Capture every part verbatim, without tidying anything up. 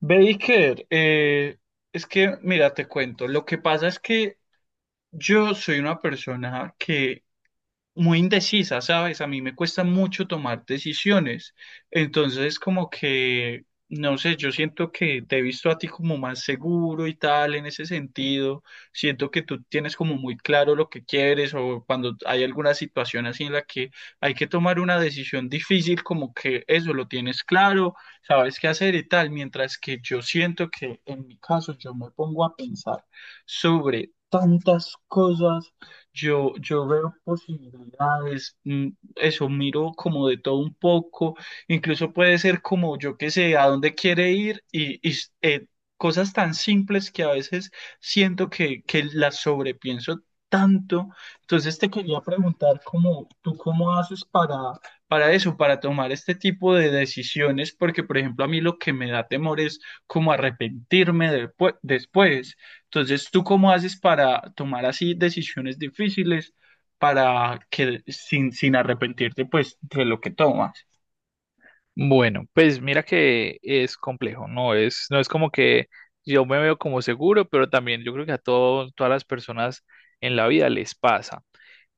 Baker, eh, es que, mira, te cuento, lo que pasa es que yo soy una persona que muy indecisa, ¿sabes? A mí me cuesta mucho tomar decisiones. Entonces, como que, no sé, yo siento que te he visto a ti como más seguro y tal en ese sentido. Siento que tú tienes como muy claro lo que quieres o cuando hay alguna situación así en la que hay que tomar una decisión difícil, como que eso lo tienes claro, sabes qué hacer y tal. Mientras que yo siento que en mi caso yo me pongo a pensar sobre tantas cosas. Yo, yo veo posibilidades, mm, eso miro como de todo un poco, incluso puede ser como yo que sé, a dónde quiere ir y, y s- eh, cosas tan simples que a veces siento que, que las sobrepienso tanto. Entonces te quería preguntar cómo, tú cómo haces para, para eso, para tomar este tipo de decisiones, porque por ejemplo a mí lo que me da temor es como arrepentirme de- después. Entonces, ¿tú cómo haces para tomar así decisiones difíciles para que sin, sin arrepentirte pues de lo que tomas? Bueno, pues mira que es complejo, no es, no es como que yo me veo como seguro, pero también yo creo que a todo- todas las personas en la vida les pasa.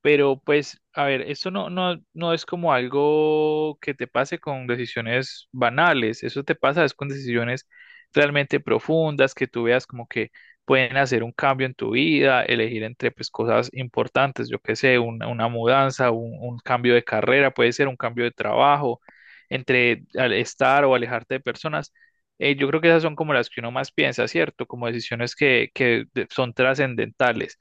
Pero pues, a ver, esto no, no, no es como algo que te pase con decisiones banales, eso te pasa es con decisiones realmente profundas, que tú veas como que pueden hacer un cambio en tu vida, elegir entre pues cosas importantes, yo qué sé, una, una mudanza, un, un cambio de carrera, puede ser un cambio de trabajo, entre al- estar o alejarte de personas. Eh, yo creo que esas son como las que uno más piensa, ¿cierto? Como decisiones que, que de- son trascendentales.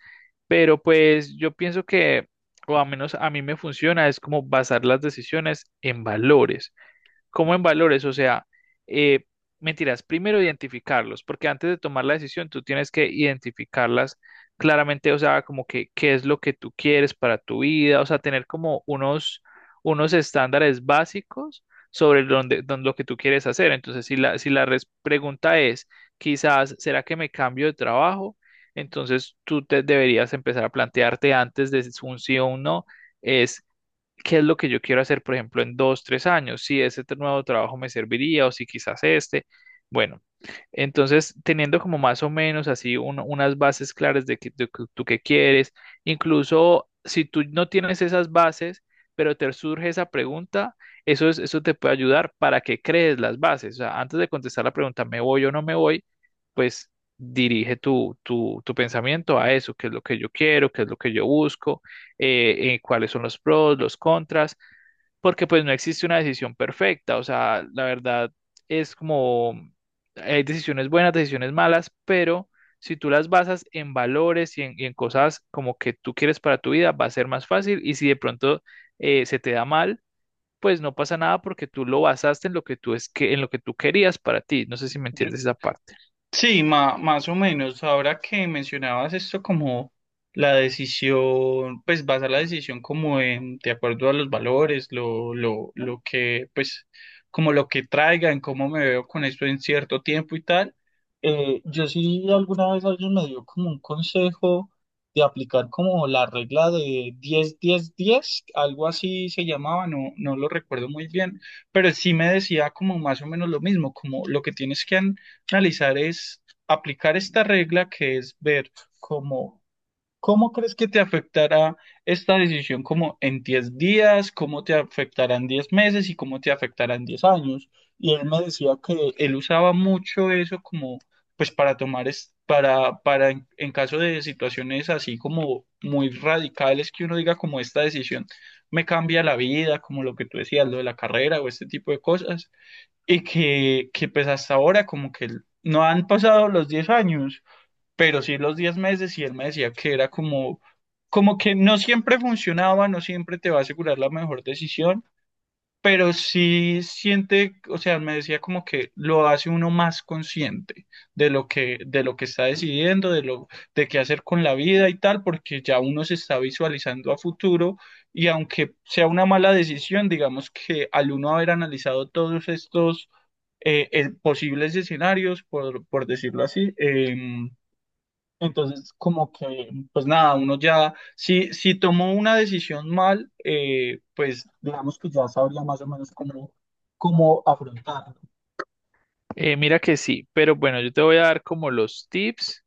Pero pues yo pienso que, o al menos a mí me funciona, es como basar las decisiones en valores, como en valores, o sea, eh, mentiras, primero identificarlos, porque antes de tomar la decisión tú tienes que identificarlas claramente, o sea, como que qué es lo que tú quieres para tu vida, o sea, tener como unos, unos estándares básicos sobre donde, don- lo que tú quieres hacer. Entonces, si la, si la res- pregunta es, quizás, ¿será que me cambio de trabajo? Entonces, tú te deberías empezar a plantearte antes de si un sí o un no, qué es lo que yo quiero hacer, por ejemplo, en dos, tres años, si ese t- nuevo trabajo me serviría o si quizás este. Bueno, entonces teniendo como más o menos así un- unas bases claras de que, de que tú qué quieres. Incluso si tú no tienes esas bases, pero te surge esa pregunta, eso es, eso te puede ayudar para que crees las bases. O sea, antes de contestar la pregunta, ¿me voy o no me voy? Pues dirige tu, tu, tu pensamiento a eso, qué es lo que yo quiero, qué es lo que yo busco, eh, eh, cuáles son los pros, los contras, porque pues no existe una decisión perfecta, o sea, la verdad es como hay decisiones buenas, decisiones malas, pero si tú las basas en valores y en, y en cosas como que tú quieres para tu vida, va a ser más fácil. Y si de pronto eh, se te da mal, pues no pasa nada porque tú lo basaste en lo que tú es que en lo que tú querías para ti. No sé si me Yo, entiendes esa parte. Sí, ma- más o menos. Ahora que mencionabas esto como la decisión, pues basar la decisión como en, de acuerdo a los valores, lo, lo, lo que, pues, como lo que traigan, cómo me veo con esto en cierto tiempo y tal. Eh, yo sí alguna vez alguien me dio como un consejo de aplicar como la regla de diez diez diez, algo así se llamaba, no, no lo recuerdo muy bien, pero sí me decía como más o menos lo mismo, como lo que tienes que... an- analizar es aplicar esta regla que es ver cómo, cómo crees que te afectará esta decisión como en diez días, cómo te afectará en diez meses y cómo te afectará en diez años. Y él me decía que él usaba mucho eso como pues para tomar es- para para en, en caso de situaciones así como muy radicales que uno diga como esta decisión me cambia la vida, como lo que tú decías, lo de la carrera o este tipo de cosas y que, que pues hasta ahora como que él- no han pasado los diez años, pero sí los diez meses y él me decía que era como, como que no siempre funcionaba, no siempre te va a asegurar la mejor decisión pero sí siente, o sea, me decía como que lo hace uno más consciente de lo que, de lo que está decidiendo, de lo, de qué hacer con la vida y tal, porque ya uno se está visualizando a futuro y aunque sea una mala decisión, digamos que al uno haber analizado todos estos eh, eh, posibles escenarios, por, por decirlo así, eh, entonces, como que, pues nada, uno ya, si, si tomó una decisión mal, eh, pues digamos que ya sabría más o menos cómo, cómo afrontarlo. Eh, mira que sí, pero bueno, yo te voy a dar como los tips.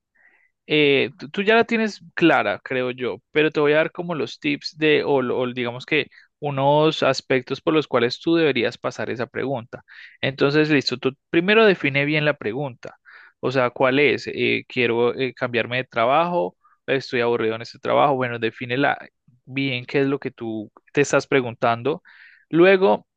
Eh, tú tú ya la tienes clara, creo yo, pero te voy a dar como los tips de, o, lo- o digamos que unos aspectos por los cuales tú deberías pasar esa pregunta. Entonces, listo, tú primero define bien la pregunta. O sea, ¿cuál es? Eh, quiero, eh, cambiarme de trabajo, estoy aburrido en este trabajo. Bueno, defínela bien qué es lo que tú te estás preguntando. Luego,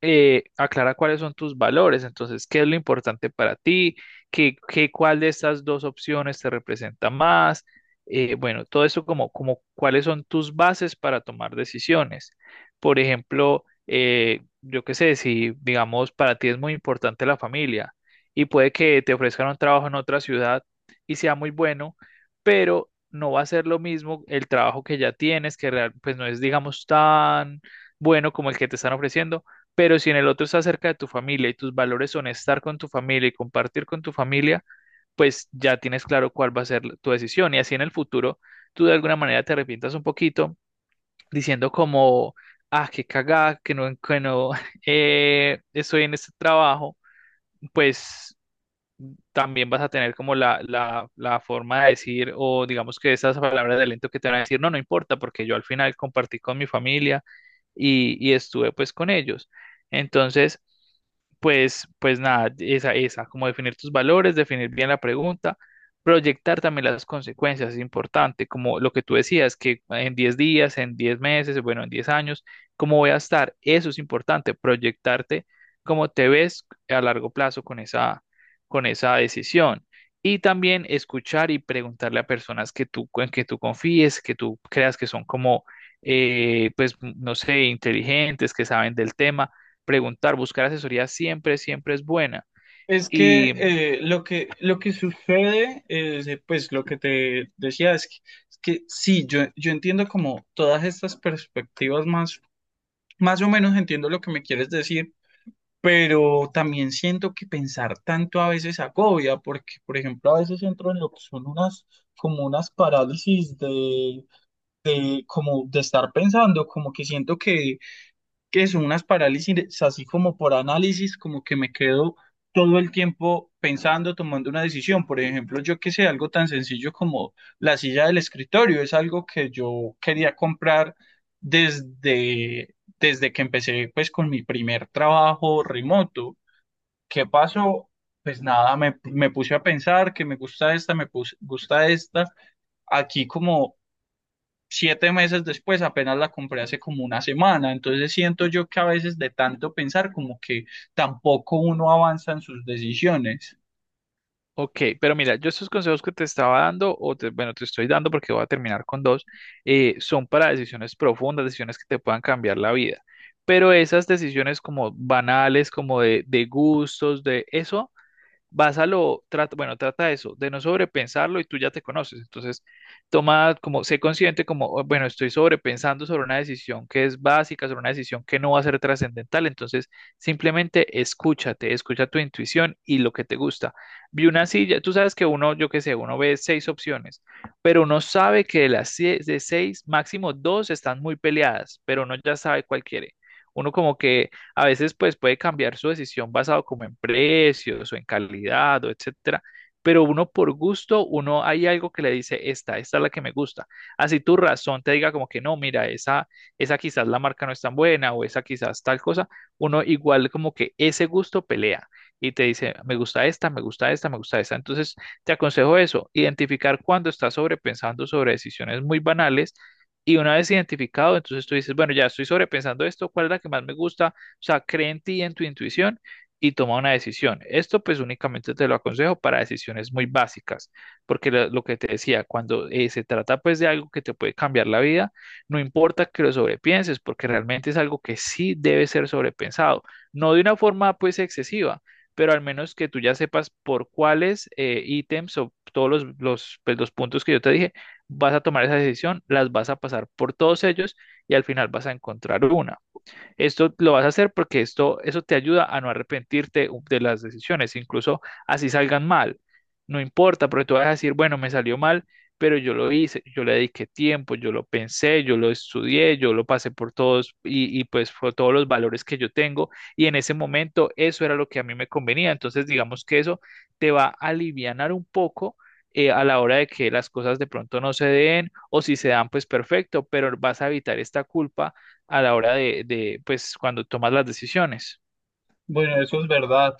eh, aclara cuáles son tus valores. Entonces, qué es lo importante para ti, qué, qué- cuál de estas dos opciones te representa más. Eh, bueno, todo eso como, como cuáles son tus bases para tomar decisiones. Por ejemplo, eh, yo qué sé, si digamos para ti es muy importante la familia y puede que te ofrezcan un trabajo en otra ciudad y sea muy bueno, pero no va a ser lo mismo el trabajo que ya tienes, que real- pues no es digamos tan bueno como el que te están ofreciendo. Pero si en el otro estás cerca de tu familia y tus valores son estar con tu familia y compartir con tu familia, pues ya tienes claro cuál va a ser tu decisión. Y así en el futuro, tú de alguna manera te arrepientas un poquito, diciendo como, ah, qué cagada, que no, que no, eh, estoy en este trabajo, pues también vas a tener como la, la, la forma de decir, o digamos que esas palabras de aliento que te van a decir, no, no importa, porque yo al final compartí con mi familia y, y estuve pues con ellos. Entonces, pues, pues nada, esa, esa, como definir tus valores, definir bien la pregunta, proyectar también las consecuencias es importante, como lo que tú decías, que en diez días, en diez meses, bueno, en diez años, ¿cómo voy a estar? Eso es importante, proyectarte cómo te ves a largo plazo con esa, con esa decisión. Y también escuchar y preguntarle a personas que tú, en que tú confíes, que tú creas que son como, eh, pues, no sé, inteligentes, que saben del tema. Preguntar, buscar asesoría siempre, siempre es buena. Es que Y, eh, lo que, lo que sucede, es, eh, pues lo que te decía es que, es que sí, yo, yo entiendo como todas estas perspectivas más, más o menos entiendo lo que me quieres decir. Pero también siento que pensar tanto a veces agobia, porque, por ejemplo, a veces entro en lo que son unas, como unas parálisis de, de, como de estar pensando, como que siento que, que son unas parálisis así como por análisis, como que me quedo todo el tiempo pensando, tomando una decisión. Por ejemplo, yo que sé, algo tan sencillo como la silla del escritorio, es algo que yo quería comprar desde, desde que empecé pues con mi primer trabajo remoto. ¿Qué pasó? Pues nada, me, me puse a pensar que me gusta esta, me pus- gusta esta. Aquí como siete meses después, apenas la compré hace como una semana. Entonces siento yo que a veces de tanto pensar como que tampoco uno avanza en sus decisiones. ok, pero mira, yo estos consejos que te estaba dando, o te- bueno, te estoy dando porque voy a terminar con dos, eh, son para decisiones profundas, decisiones que te puedan cambiar la vida. Pero esas decisiones como banales, como de, de gustos, de eso básalo, trata, bueno, trata eso, de no sobrepensarlo y tú ya te conoces. Entonces, toma como, sé consciente como, "Oh, bueno, estoy sobrepensando sobre una decisión que es básica, sobre una decisión que no va a ser trascendental. Entonces, simplemente escúchate, escucha tu intuición y lo que te gusta". Vi una silla, tú sabes que uno, yo qué sé, uno ve seis opciones, pero uno sabe que de las sie- de seis, máximo dos están muy peleadas, pero uno ya sabe cuál quiere. Uno como que a veces pues puede cambiar su decisión basado como en precios o en calidad o etcétera, pero uno por gusto, uno hay algo que le dice, esta, esta es la que me gusta. Así tu razón te diga como que no, mira, esa, esa quizás la marca no es tan buena o esa quizás tal cosa, uno igual como que ese gusto pelea y te dice, me gusta esta, me gusta esta, me gusta esta. Entonces te aconsejo eso, identificar cuando estás sobrepensando sobre decisiones muy banales. Y una vez identificado, entonces tú dices, bueno, ya estoy sobrepensando esto, ¿cuál es la que más me gusta? O sea, cree en ti, en tu intuición y toma una decisión. Esto pues únicamente te lo aconsejo para decisiones muy básicas, porque lo, lo que te decía, cuando eh, se trata pues de algo que te puede cambiar la vida, no importa que lo sobrepienses, porque realmente es algo que sí debe ser sobrepensado, no de una forma pues excesiva, pero al menos que tú ya sepas por cuáles eh, ítems o todos los, los, pues, los puntos que yo te dije, vas a tomar esa decisión, las vas a pasar por todos ellos y al final vas a encontrar una. Esto lo vas a hacer porque esto, eso te ayuda a no arrepentirte de las decisiones, incluso así salgan mal. No importa, porque tú vas a decir, bueno, me salió mal, pero yo lo hice, yo le dediqué tiempo, yo lo pensé, yo lo estudié, yo lo pasé por todos y, y pues por todos los valores que yo tengo y en ese momento eso era lo que a mí me convenía. Entonces digamos que eso te va a alivianar un poco eh, a la hora de que las cosas de pronto no se den o si se dan pues perfecto, pero vas a evitar esta culpa a la hora de, de, pues, cuando tomas las decisiones. Bueno, eso es verdad.